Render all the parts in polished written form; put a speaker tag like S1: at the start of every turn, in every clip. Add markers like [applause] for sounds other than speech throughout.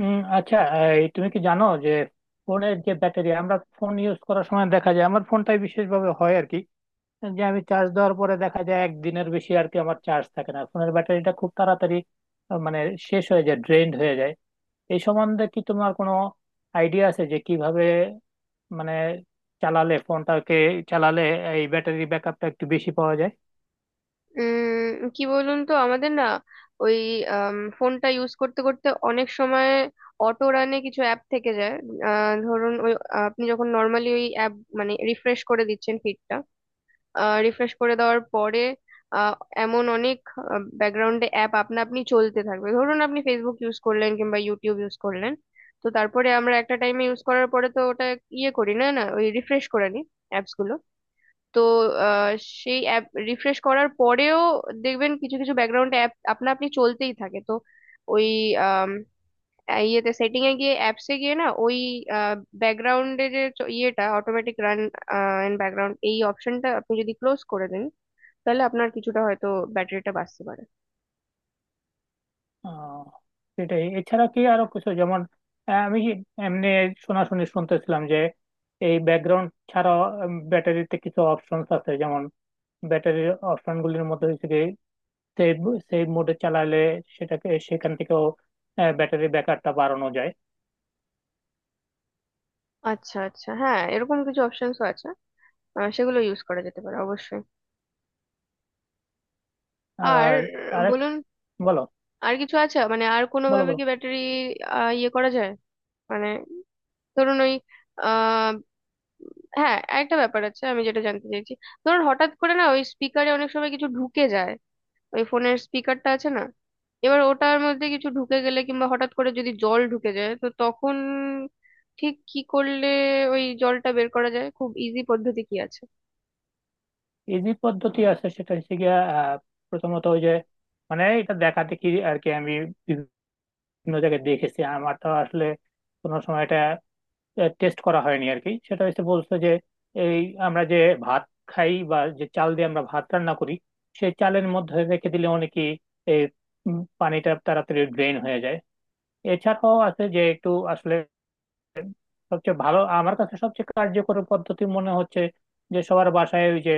S1: আচ্ছা। এই তুমি কি জানো যে ফোনের যে ব্যাটারি আমরা ফোন ইউজ করার সময় দেখা যায়, আমার ফোনটাই বিশেষভাবে হয় আর কি, যে আমি চার্জ দেওয়ার পরে দেখা যায় একদিনের বেশি আর কি আমার চার্জ থাকে না, ফোনের ব্যাটারিটা খুব তাড়াতাড়ি আহ, মানে শেষ হয়ে যায়, ড্রেনড হয়ে যায়। এই সম্বন্ধে কি তোমার কোনো আইডিয়া আছে যে কিভাবে মানে চালালে ফোনটাকে চালালে এই ব্যাটারি ব্যাকআপটা একটু বেশি পাওয়া যায়?
S2: কি বলুন তো, আমাদের না ওই ফোনটা ইউজ করতে করতে অনেক সময় অটো রানে কিছু অ্যাপ থেকে যায়। ধরুন ওই আপনি যখন নর্মালি ওই অ্যাপ মানে রিফ্রেশ করে দিচ্ছেন, ফিডটা রিফ্রেশ করে দেওয়ার পরে আহ, এমন অনেক ব্যাকগ্রাউন্ডে অ্যাপ আপনা আপনি চলতে থাকবে। ধরুন আপনি ফেসবুক ইউজ করলেন কিংবা ইউটিউব ইউজ করলেন, তো তারপরে আমরা একটা টাইমে ইউজ করার পরে তো ওটা ইয়ে করি না, না ওই রিফ্রেশ করে নিই অ্যাপস গুলো। তো আহ, সেই অ্যাপ রিফ্রেশ করার পরেও দেখবেন কিছু কিছু ব্যাকগ্রাউন্ড অ্যাপ আপনা আপনি চলতেই থাকে। তো ওই আম, ইয়েতে সেটিং এ গিয়ে অ্যাপসে গিয়ে না ওই ব্যাকগ্রাউন্ডে যে ইয়েটা, অটোমেটিক রান ইন ব্যাকগ্রাউন্ড, এই অপশনটা আপনি যদি ক্লোজ করে দেন তাহলে আপনার কিছুটা হয়তো ব্যাটারিটা বাঁচতে পারে।
S1: আহ, সেটাই, এছাড়া কি আরো কিছু? যেমন আমি এমনি শোনাশুনি শুনতেছিলাম যে এই ব্যাকগ্রাউন্ড ছাড়া ব্যাটারিতে কিছু অপশনস আছে, যেমন ব্যাটারির অপশন গুলির মধ্যে হচ্ছে কি সেভ, সেভ মোডে চালালে সেটাকে সেখান থেকেও ব্যাটারি ব্যাকআপটা বাড়ানো যায়।
S2: আচ্ছা আচ্ছা, হ্যাঁ এরকম কিছু অপশনসও আছে, সেগুলো ইউজ করা যেতে পারে অবশ্যই। আর
S1: আর আরেক,
S2: বলুন,
S1: বলো
S2: আর কিছু আছে মানে আর কোনো
S1: বলো
S2: ভাবে
S1: বলো।
S2: কি ব্যাটারি ইয়ে করা যায়? মানে ধরুন ওই আহ হ্যাঁ, একটা ব্যাপার আছে আমি যেটা জানতে চাইছি। ধরুন হঠাৎ করে না ওই স্পিকারে অনেক সময় কিছু ঢুকে যায়, ওই ফোনের স্পিকারটা আছে না, এবার ওটার মধ্যে কিছু ঢুকে গেলে কিংবা হঠাৎ করে যদি জল ঢুকে যায় তো তখন ঠিক কি করলে ওই জলটা বের করা যায়, খুব ইজি পদ্ধতি কি আছে?
S1: ইজি পদ্ধতি আছে, সেটা হচ্ছে গিয়া প্রথমত ওই যে মানে এটা দেখা দেখি আর কি, আমি বিভিন্ন জায়গায় দেখেছি। আমার তো আসলে কোনো সময় এটা টেস্ট করা হয়নি আর কি। সেটা হচ্ছে বলছে যে এই আমরা যে ভাত খাই বা যে চাল দিয়ে আমরা ভাত রান্না করি, সেই চালের মধ্যে রেখে দিলে অনেকে এই পানিটা তাড়াতাড়ি ড্রেন হয়ে যায়। এছাড়াও আছে যে একটু আসলে সবচেয়ে ভালো, আমার কাছে সবচেয়ে কার্যকর পদ্ধতি মনে হচ্ছে যে সবার বাসায় ওই যে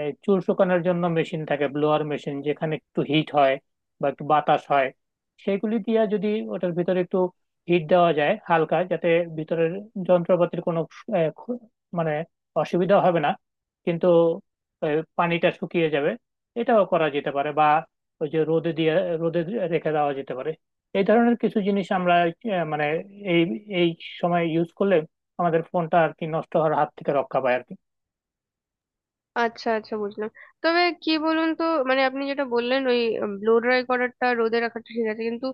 S1: এই চুল শুকানোর জন্য মেশিন থাকে, ব্লোয়ার মেশিন, যেখানে একটু হিট হয় বা একটু বাতাস হয়, সেগুলি দিয়ে যদি ওটার ভিতরে একটু হিট দেওয়া যায় হালকা, যাতে ভিতরের যন্ত্রপাতির কোনো আহ, খ- মানে অসুবিধা হবে না, কিন্তু পানিটা শুকিয়ে যাবে। এটাও করা যেতে পারে, বা ওই যে রোদে দিয়ে, রোদে রেখে দেওয়া যেতে পারে। এই ধরনের কিছু জিনিস আমরা আহ, মানে এই এই সময় ইউজ করলে আমাদের ফোনটা আর কি নষ্ট হওয়ার হাত থেকে রক্ষা পায় আর কি।
S2: আচ্ছা আচ্ছা, বুঝলাম। তবে কি বলুন তো, মানে আপনি যেটা বললেন ওই ব্লো ড্রাই করাটা, রোদে রাখাটা ঠিক আছে, কিন্তু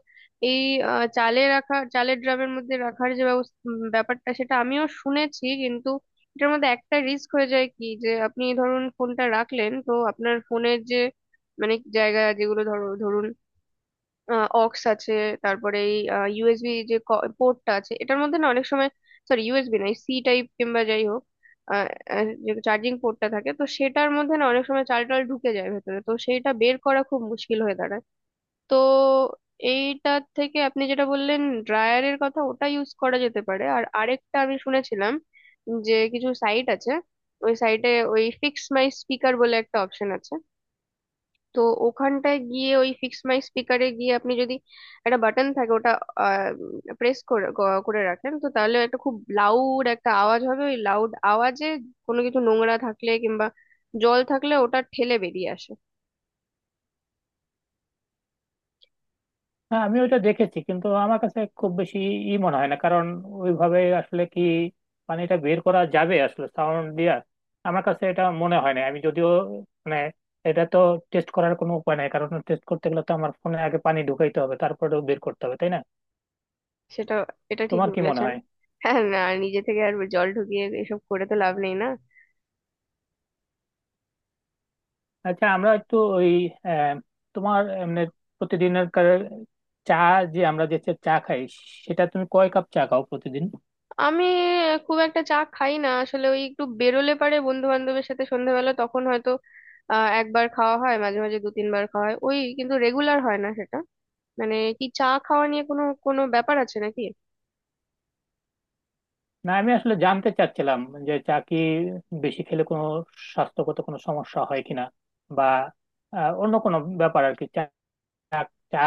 S2: এই চালে রাখা, চালের ড্রামের মধ্যে রাখার যে ব্যাপারটা, সেটা আমিও শুনেছি, কিন্তু এটার মধ্যে একটা রিস্ক হয়ে যায় কি যে আপনি ধরুন ফোনটা রাখলেন তো আপনার ফোনের যে মানে জায়গা যেগুলো ধরুন অক্স আছে, তারপরে এই ইউএসবি যে পোর্টটা আছে এটার মধ্যে না অনেক সময়, সরি, ইউএসবি নয়, সি টাইপ কিংবা যাই হোক, আহ, আহ, যে চার্জিং পোর্টটা থাকে, তো সেটার মধ্যে না অনেক সময় চাল টাল ঢুকে যায় ভেতরে, তো সেইটা বের করা খুব মুশকিল হয়ে দাঁড়ায়। তো এইটার থেকে আপনি যেটা বললেন ড্রায়ারের কথা, ওটা ইউজ করা যেতে পারে। আর আরেকটা আমি শুনেছিলাম যে কিছু সাইট আছে, ওই সাইটে ওই ফিক্স মাই স্পিকার বলে একটা অপশন আছে। তো ওখানটায় গিয়ে ওই ফিক্স মাই স্পিকারে গিয়ে আপনি যদি একটা বাটন থাকে ওটা প্রেস করে করে রাখেন, তো তাহলে একটা খুব লাউড একটা আওয়াজ হবে, ওই লাউড আওয়াজে কোনো কিছু নোংরা থাকলে কিংবা জল থাকলে ওটা ঠেলে বেরিয়ে আসে।
S1: হ্যাঁ, আমি ওইটা দেখেছি কিন্তু আমার কাছে খুব বেশি ই মনে হয় না, কারণ ওইভাবে আসলে কি পানিটা বের করা যাবে আসলে সাউন্ড দিয়ে? আমার কাছে এটা মনে হয় না। আমি যদিও মানে এটা তো টেস্ট করার কোনো উপায় নাই, কারণ টেস্ট করতে গেলে তো আমার ফোনে আগে পানি ঢুকাইতে হবে, তারপরে বের করতে হবে, তাই না?
S2: সেটা। এটা
S1: তোমার
S2: ঠিকই
S1: কি মনে
S2: বলেছেন।
S1: হয়?
S2: হ্যাঁ, না, নিজে থেকে আর জল ঢুকিয়ে এসব করে তো লাভ নেই না।
S1: আচ্ছা, আমরা একটু ওই আহ, তোমার এমনি প্রতিদিনের চা, যে আমরা যে চা খাই, সেটা তুমি কয় কাপ চা খাও প্রতিদিন?
S2: আমি খুব একটা চা খাই না আসলে, ওই একটু বেরোলে পারে বন্ধু বান্ধবের সাথে সন্ধ্যাবেলা, তখন হয়তো একবার খাওয়া হয়, মাঝে মাঝে দু তিনবার খাওয়া হয় ওই, কিন্তু রেগুলার হয় না সেটা। মানে কি চা খাওয়া নিয়ে কোনো কোনো ব্যাপার আছে নাকি?
S1: না, আমি আসলে জানতে চাচ্ছিলাম যে চা কি বেশি খেলে কোনো স্বাস্থ্যগত কোনো সমস্যা হয় কিনা, বা অন্য কোনো ব্যাপার আর কি। চা চা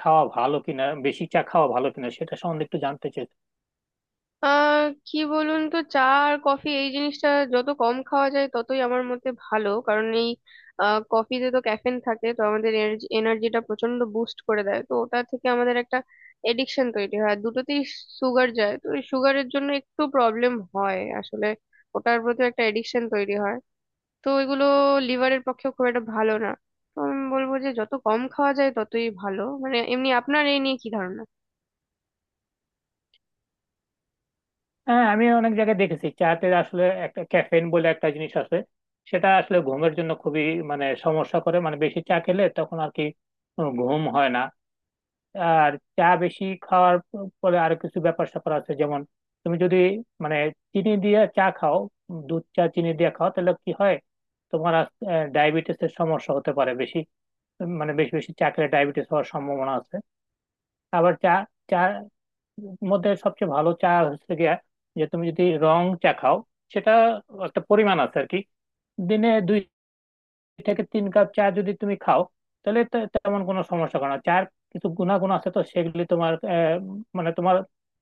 S1: খাওয়া ভালো কিনা, বেশি চা খাওয়া ভালো কিনা সেটা সম্বন্ধে একটু জানতে চাই।
S2: কি বলুন তো, চা আর কফি এই জিনিসটা যত কম খাওয়া যায় ততই আমার মতে ভালো, কারণ এই কফিতে তো ক্যাফেন থাকে, তো আমাদের এনার্জিটা প্রচন্ড বুস্ট করে দেয়, তো ওটা থেকে আমাদের একটা এডিকশন তৈরি হয়। আর দুটোতেই সুগার যায়, তো ওই সুগারের জন্য একটু প্রবলেম হয় আসলে, ওটার প্রতি একটা এডিকশন তৈরি হয়। তো এগুলো লিভারের পক্ষে খুব একটা ভালো না। তো আমি বলবো যে যত কম খাওয়া যায় ততই ভালো। মানে এমনি আপনার এই নিয়ে কি ধারণা?
S1: হ্যাঁ, আমি অনেক জায়গায় দেখেছি চাতে আসলে একটা ক্যাফেইন বলে একটা জিনিস আছে, সেটা আসলে ঘুমের জন্য খুবই মানে সমস্যা করে, মানে বেশি চা খেলে তখন আর কি ঘুম হয় না। আর চা বেশি খাওয়ার পরে আরো কিছু ব্যাপার স্যাপার আছে, যেমন তুমি যদি মানে চিনি দিয়ে চা খাও, দুধ চা চিনি দিয়ে খাও, তাহলে কি হয়? তোমার ডায়াবেটিস এর সমস্যা হতে পারে বেশি, মানে বেশি বেশি চা খেলে ডায়াবেটিস হওয়ার সম্ভাবনা আছে। আবার চা চা মধ্যে সবচেয়ে ভালো চা হচ্ছে গিয়া, যে তুমি যদি রং চা খাও, সেটা একটা পরিমাণ আছে আর কি। দিনে দুই থেকে তিন কাপ চা যদি তুমি খাও, তাহলে তেমন কোনো সমস্যা করে না। চার কিছু গুণাগুণ আছে, তো সেগুলি তোমার আহ, মানে তোমার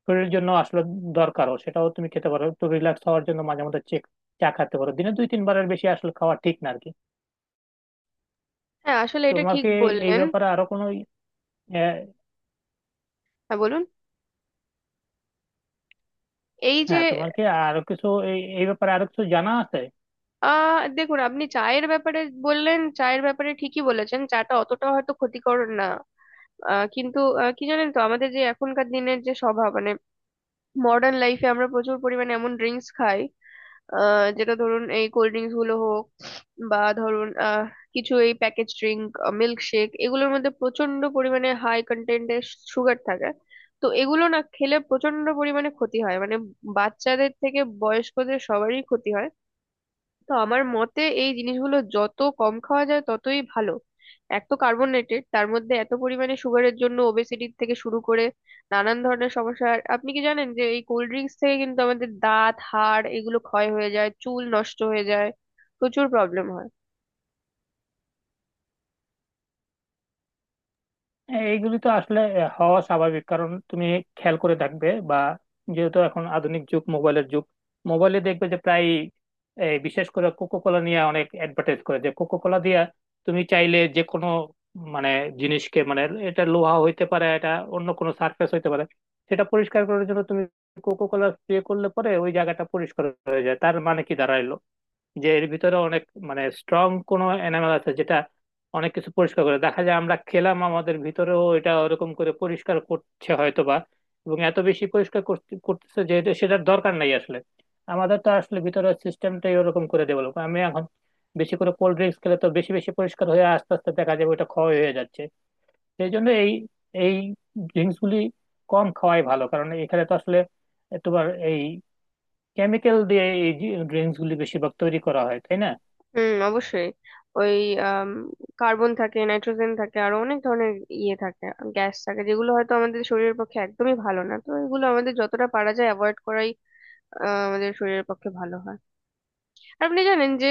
S1: শরীরের জন্য আসলে দরকারও। সেটাও তুমি খেতে পারো একটু রিল্যাক্স হওয়ার জন্য মাঝে মধ্যে। চেক চা খেতে পারো, দিনে দুই তিনবারের বেশি আসলে খাওয়া ঠিক না আর কি।
S2: হ্যাঁ, আসলে এটা
S1: তোমার
S2: ঠিক
S1: কি এই
S2: বললেন।
S1: ব্যাপারে আরো কোনো আহ,
S2: হ্যাঁ বলুন। এই যে
S1: হ্যাঁ তোমার কি আরো কিছু এই এই ব্যাপারে আরো কিছু জানা আছে?
S2: দেখুন, আপনি চায়ের ব্যাপারে বললেন, চায়ের ব্যাপারে ঠিকই বলেছেন, চাটা অতটা হয়তো ক্ষতিকর না, কিন্তু কি জানেন তো, আমাদের যে এখনকার দিনের যে স্বভাব, মানে মডার্ন লাইফে আমরা প্রচুর পরিমাণে এমন ড্রিঙ্কস খাই, যেটা ধরুন এই কোল্ড ড্রিঙ্কস গুলো হোক বা ধরুন কিছু এই প্যাকেজ ড্রিঙ্ক, মিল্ক শেক, এগুলোর মধ্যে প্রচন্ড পরিমাণে হাই কন্টেন্টের সুগার থাকে। তো এগুলো না খেলে প্রচন্ড পরিমাণে ক্ষতি হয়, মানে বাচ্চাদের থেকে বয়স্কদের সবারই ক্ষতি হয়। তো আমার মতে এই জিনিসগুলো যত কম খাওয়া যায় ততই ভালো। এক তো কার্বনেটেড, তার মধ্যে এত পরিমাণে সুগারের জন্য ওবেসিটি থেকে শুরু করে নানান ধরনের সমস্যা। আর আপনি কি জানেন যে এই কোল্ড ড্রিঙ্কস থেকে কিন্তু আমাদের দাঁত, হাড় এগুলো ক্ষয় হয়ে যায়, চুল নষ্ট হয়ে যায়, প্রচুর প্রবলেম হয়।
S1: এইগুলি তো আসলে হওয়া স্বাভাবিক, কারণ তুমি খেয়াল করে দেখবে বা যেহেতু এখন আধুনিক যুগ, মোবাইলের যুগ, মোবাইলে দেখবে যে প্রায় এই বিশেষ করে কোকো কোলা নিয়ে অনেক অ্যাডভার্টাইজ করে যে কোকো কোলা দিয়ে তুমি চাইলে যে কোনো মানে জিনিসকে, মানে এটা লোহা হইতে পারে, এটা অন্য কোনো সারফেস হইতে পারে, সেটা পরিষ্কার করার জন্য তুমি কোকো কোলা স্প্রে করলে পরে ওই জায়গাটা পরিষ্কার হয়ে যায়। তার মানে কি দাঁড়াইলো, যে এর ভিতরে অনেক মানে স্ট্রং কোনো এনামেল আছে যেটা অনেক কিছু পরিষ্কার করে। দেখা যায় আমরা খেলাম, আমাদের ভিতরেও এটা ওরকম করে পরিষ্কার করছে হয়তোবা, এবং এত বেশি পরিষ্কার করতেছে যে সেটার দরকার নাই আসলে। আমাদের তো আসলে ভিতরের সিস্টেমটাই ওরকম করে ডেভেলপ, আমি এখন বেশি করে কোল্ড ড্রিঙ্কস খেলে তো বেশি বেশি পরিষ্কার হয়ে আস্তে আস্তে দেখা যাবে ওটা ক্ষয় হয়ে যাচ্ছে। সেই জন্য এই এই ড্রিঙ্কস গুলি কম খাওয়াই ভালো, কারণ এখানে তো আসলে তোমার এই কেমিক্যাল দিয়ে এই ড্রিঙ্কস গুলি বেশিরভাগ তৈরি করা হয়, তাই না?
S2: হুম, অবশ্যই। ওই কার্বন থাকে, নাইট্রোজেন থাকে, আরো অনেক ধরনের ইয়ে থাকে, গ্যাস থাকে, যেগুলো হয়তো আমাদের শরীরের পক্ষে একদমই ভালো না। তো এগুলো আমাদের যতটা পারা যায় অ্যাভয়েড করাই আমাদের শরীরের পক্ষে ভালো হয়। আপনি জানেন যে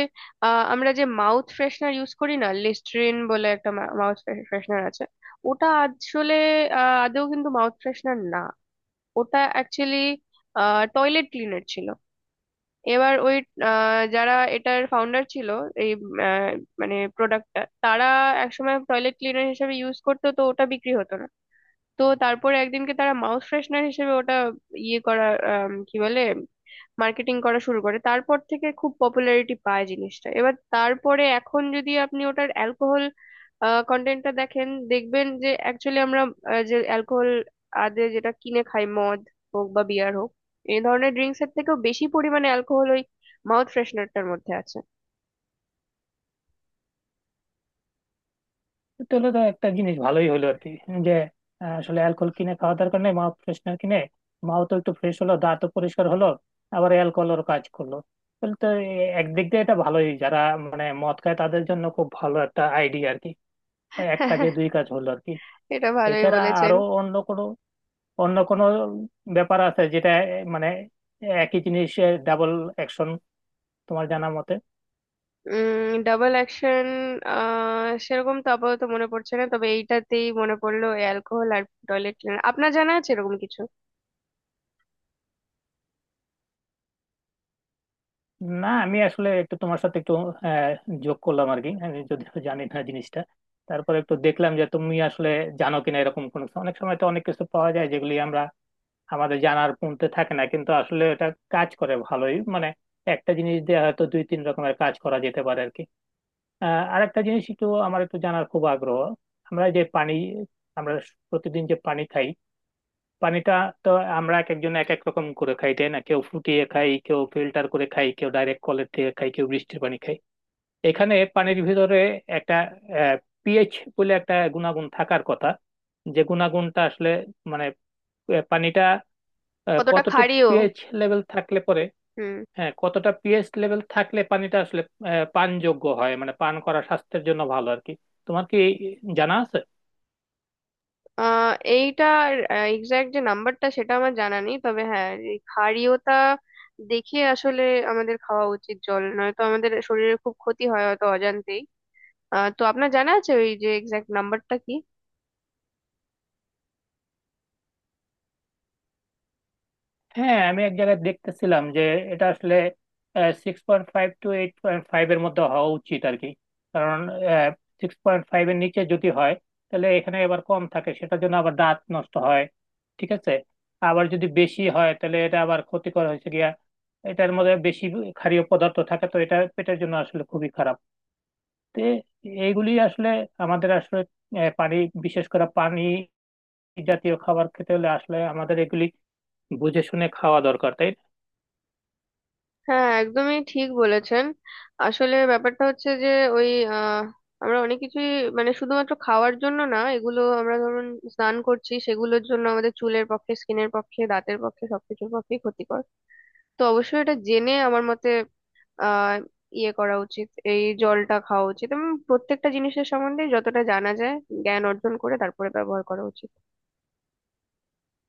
S2: আমরা যে মাউথ ফ্রেশনার ইউজ করি না, লিস্ট্রিন বলে একটা মাউথ ফ্রেশনার আছে, ওটা আসলে আদৌ কিন্তু মাউথ ফ্রেশনার না, ওটা অ্যাকচুয়ালি টয়লেট ক্লিনার ছিল। এবার ওই যারা এটার ফাউন্ডার ছিল, এই আহ, মানে প্রোডাক্টটা তারা একসময় টয়লেট ক্লিনার হিসেবে ইউজ করতো, তো ওটা বিক্রি হতো না। তো তারপরে একদিনকে তারা মাউথ ফ্রেশনার হিসেবে ওটা ইয়ে করা, কি বলে, মার্কেটিং করা শুরু করে, তারপর থেকে খুব পপুলারিটি পায় জিনিসটা। এবার তারপরে এখন যদি আপনি ওটার অ্যালকোহল কন্টেন্টটা দেখেন, দেখবেন যে অ্যাকচুয়ালি আমরা যে অ্যালকোহল যেটা কিনে খাই, মদ হোক বা বিয়ার হোক, এই ধরনের ড্রিঙ্কস এর থেকেও বেশি পরিমাণে অ্যালকোহল ওই মাউথ ফ্রেশনারটার মধ্যে আছে।
S1: তাহলে তো একটা জিনিস ভালোই হলো আর কি, যে আসলে অ্যালকোহল কিনে খাওয়া দরকার নেই, মা ফ্রেশনার কিনে মাও তো একটু ফ্রেশ হলো, দাঁতও পরিষ্কার হলো, আবার অ্যালকোহলের কাজ করলো। তাহলে তো একদিক দিয়ে এটা ভালোই, যারা মানে মদ খায় তাদের জন্য খুব ভালো একটা আইডিয়া আর কি। এক কাজে দুই
S2: [laughs]
S1: কাজ হলো আর কি।
S2: এটা ভালোই
S1: এছাড়া
S2: বলেছেন।
S1: আরো অন্য কোনো ব্যাপার আছে যেটা এ, মানে একই জিনিস, ডাবল অ্যাকশন, তোমার জানা মতে?
S2: ডাবল অ্যাকশন সেরকম তো আপাতত মনে পড়ছে না, তবে এইটাতেই মনে পড়লো অ্যালকোহল আর টয়লেট ক্লিনার। আপনার জানা আছে এরকম কিছু?
S1: না, আমি আসলে একটু তোমার সাথে একটু আহ, যোগ করলাম আর কি। আমি যদিও জানি না জিনিসটা, তারপর একটু দেখলাম যে তুমি আসলে জানো কিনা এরকম কোনো কিছু। অনেক সময় তো অনেক কিছু পাওয়া যায় যেগুলি আমরা আমাদের জানার পুনতে থাকে না, কিন্তু আসলে এটা কাজ করে ভালোই, মানে একটা জিনিস দিয়ে হয়তো দুই তিন রকমের কাজ করা যেতে পারে আর কি। আরেকটা জিনিস একটু আমার একটু জানার খুব আগ্রহ। আমরা যে পানি আমরা প্রতিদিন যে পানি খাই, পানিটা তো আমরা এক একজন এক এক রকম করে খাই, তাই না? কেউ ফুটিয়ে খাই, কেউ ফিল্টার করে খাই, কেউ ডাইরেক্ট কলের থেকে খাই, কেউ বৃষ্টির পানি খাই। এখানে পানির ভিতরে একটা পিএইচ বলে একটা গুণাগুণ থাকার কথা, যে গুণাগুণটা আসলে মানে পানিটা
S2: কতটা
S1: কতটুকু
S2: খাড়িও।
S1: পিএইচ লেভেল থাকলে পরে
S2: হুম।
S1: হ্যাঁ কতটা পিএইচ লেভেল থাকলে পানিটা আসলে পানযোগ্য হয়, মানে পান করা স্বাস্থ্যের জন্য ভালো আর কি? তোমার কি জানা আছে?
S2: এইটার এক্সাক্ট যে নাম্বারটা সেটা আমার জানা নেই, তবে হ্যাঁ এই ক্ষারীয়তা দেখে আসলে আমাদের খাওয়া উচিত জল, নয়তো আমাদের শরীরের খুব ক্ষতি হয় হয়তো অজান্তেই। তো আপনার জানা আছে ওই যে এক্সাক্ট নাম্বারটা কি?
S1: হ্যাঁ, আমি এক জায়গায় দেখতেছিলাম যে এটা আসলে 6.5 টু 8.5 এর মধ্যে হওয়া উচিত আর কি, কারণ 6.5 এর নিচে যদি হয় তাহলে এখানে আবার কম থাকে, সেটার জন্য আবার দাঁত নষ্ট হয়, ঠিক আছে। আবার যদি বেশি হয় তাহলে এটা আবার ক্ষতিকর হয়েছে গিয়া, এটার মধ্যে বেশি ক্ষারীয় পদার্থ থাকে, তো এটা পেটের জন্য আসলে খুবই খারাপ। তো এইগুলি আসলে আমাদের আসলে পানি, বিশেষ করে পানি জাতীয় খাবার খেতে হলে আসলে আমাদের এগুলি বুঝে শুনে খাওয়া দরকার, তাই না?
S2: হ্যাঁ, একদমই ঠিক বলেছেন। আসলে ব্যাপারটা হচ্ছে যে ওই আহ, আমরা অনেক কিছুই, মানে শুধুমাত্র খাওয়ার জন্য না, এগুলো আমরা ধরুন স্নান করছি, সেগুলোর জন্য আমাদের চুলের পক্ষে, স্কিনের পক্ষে, দাঁতের পক্ষে, সবকিছুর পক্ষে ক্ষতিকর। তো অবশ্যই এটা জেনে আমার মতে আহ ইয়ে করা উচিত, এই জলটা খাওয়া উচিত, এবং প্রত্যেকটা জিনিসের সম্বন্ধে যতটা জানা যায় জ্ঞান অর্জন করে তারপরে ব্যবহার করা উচিত।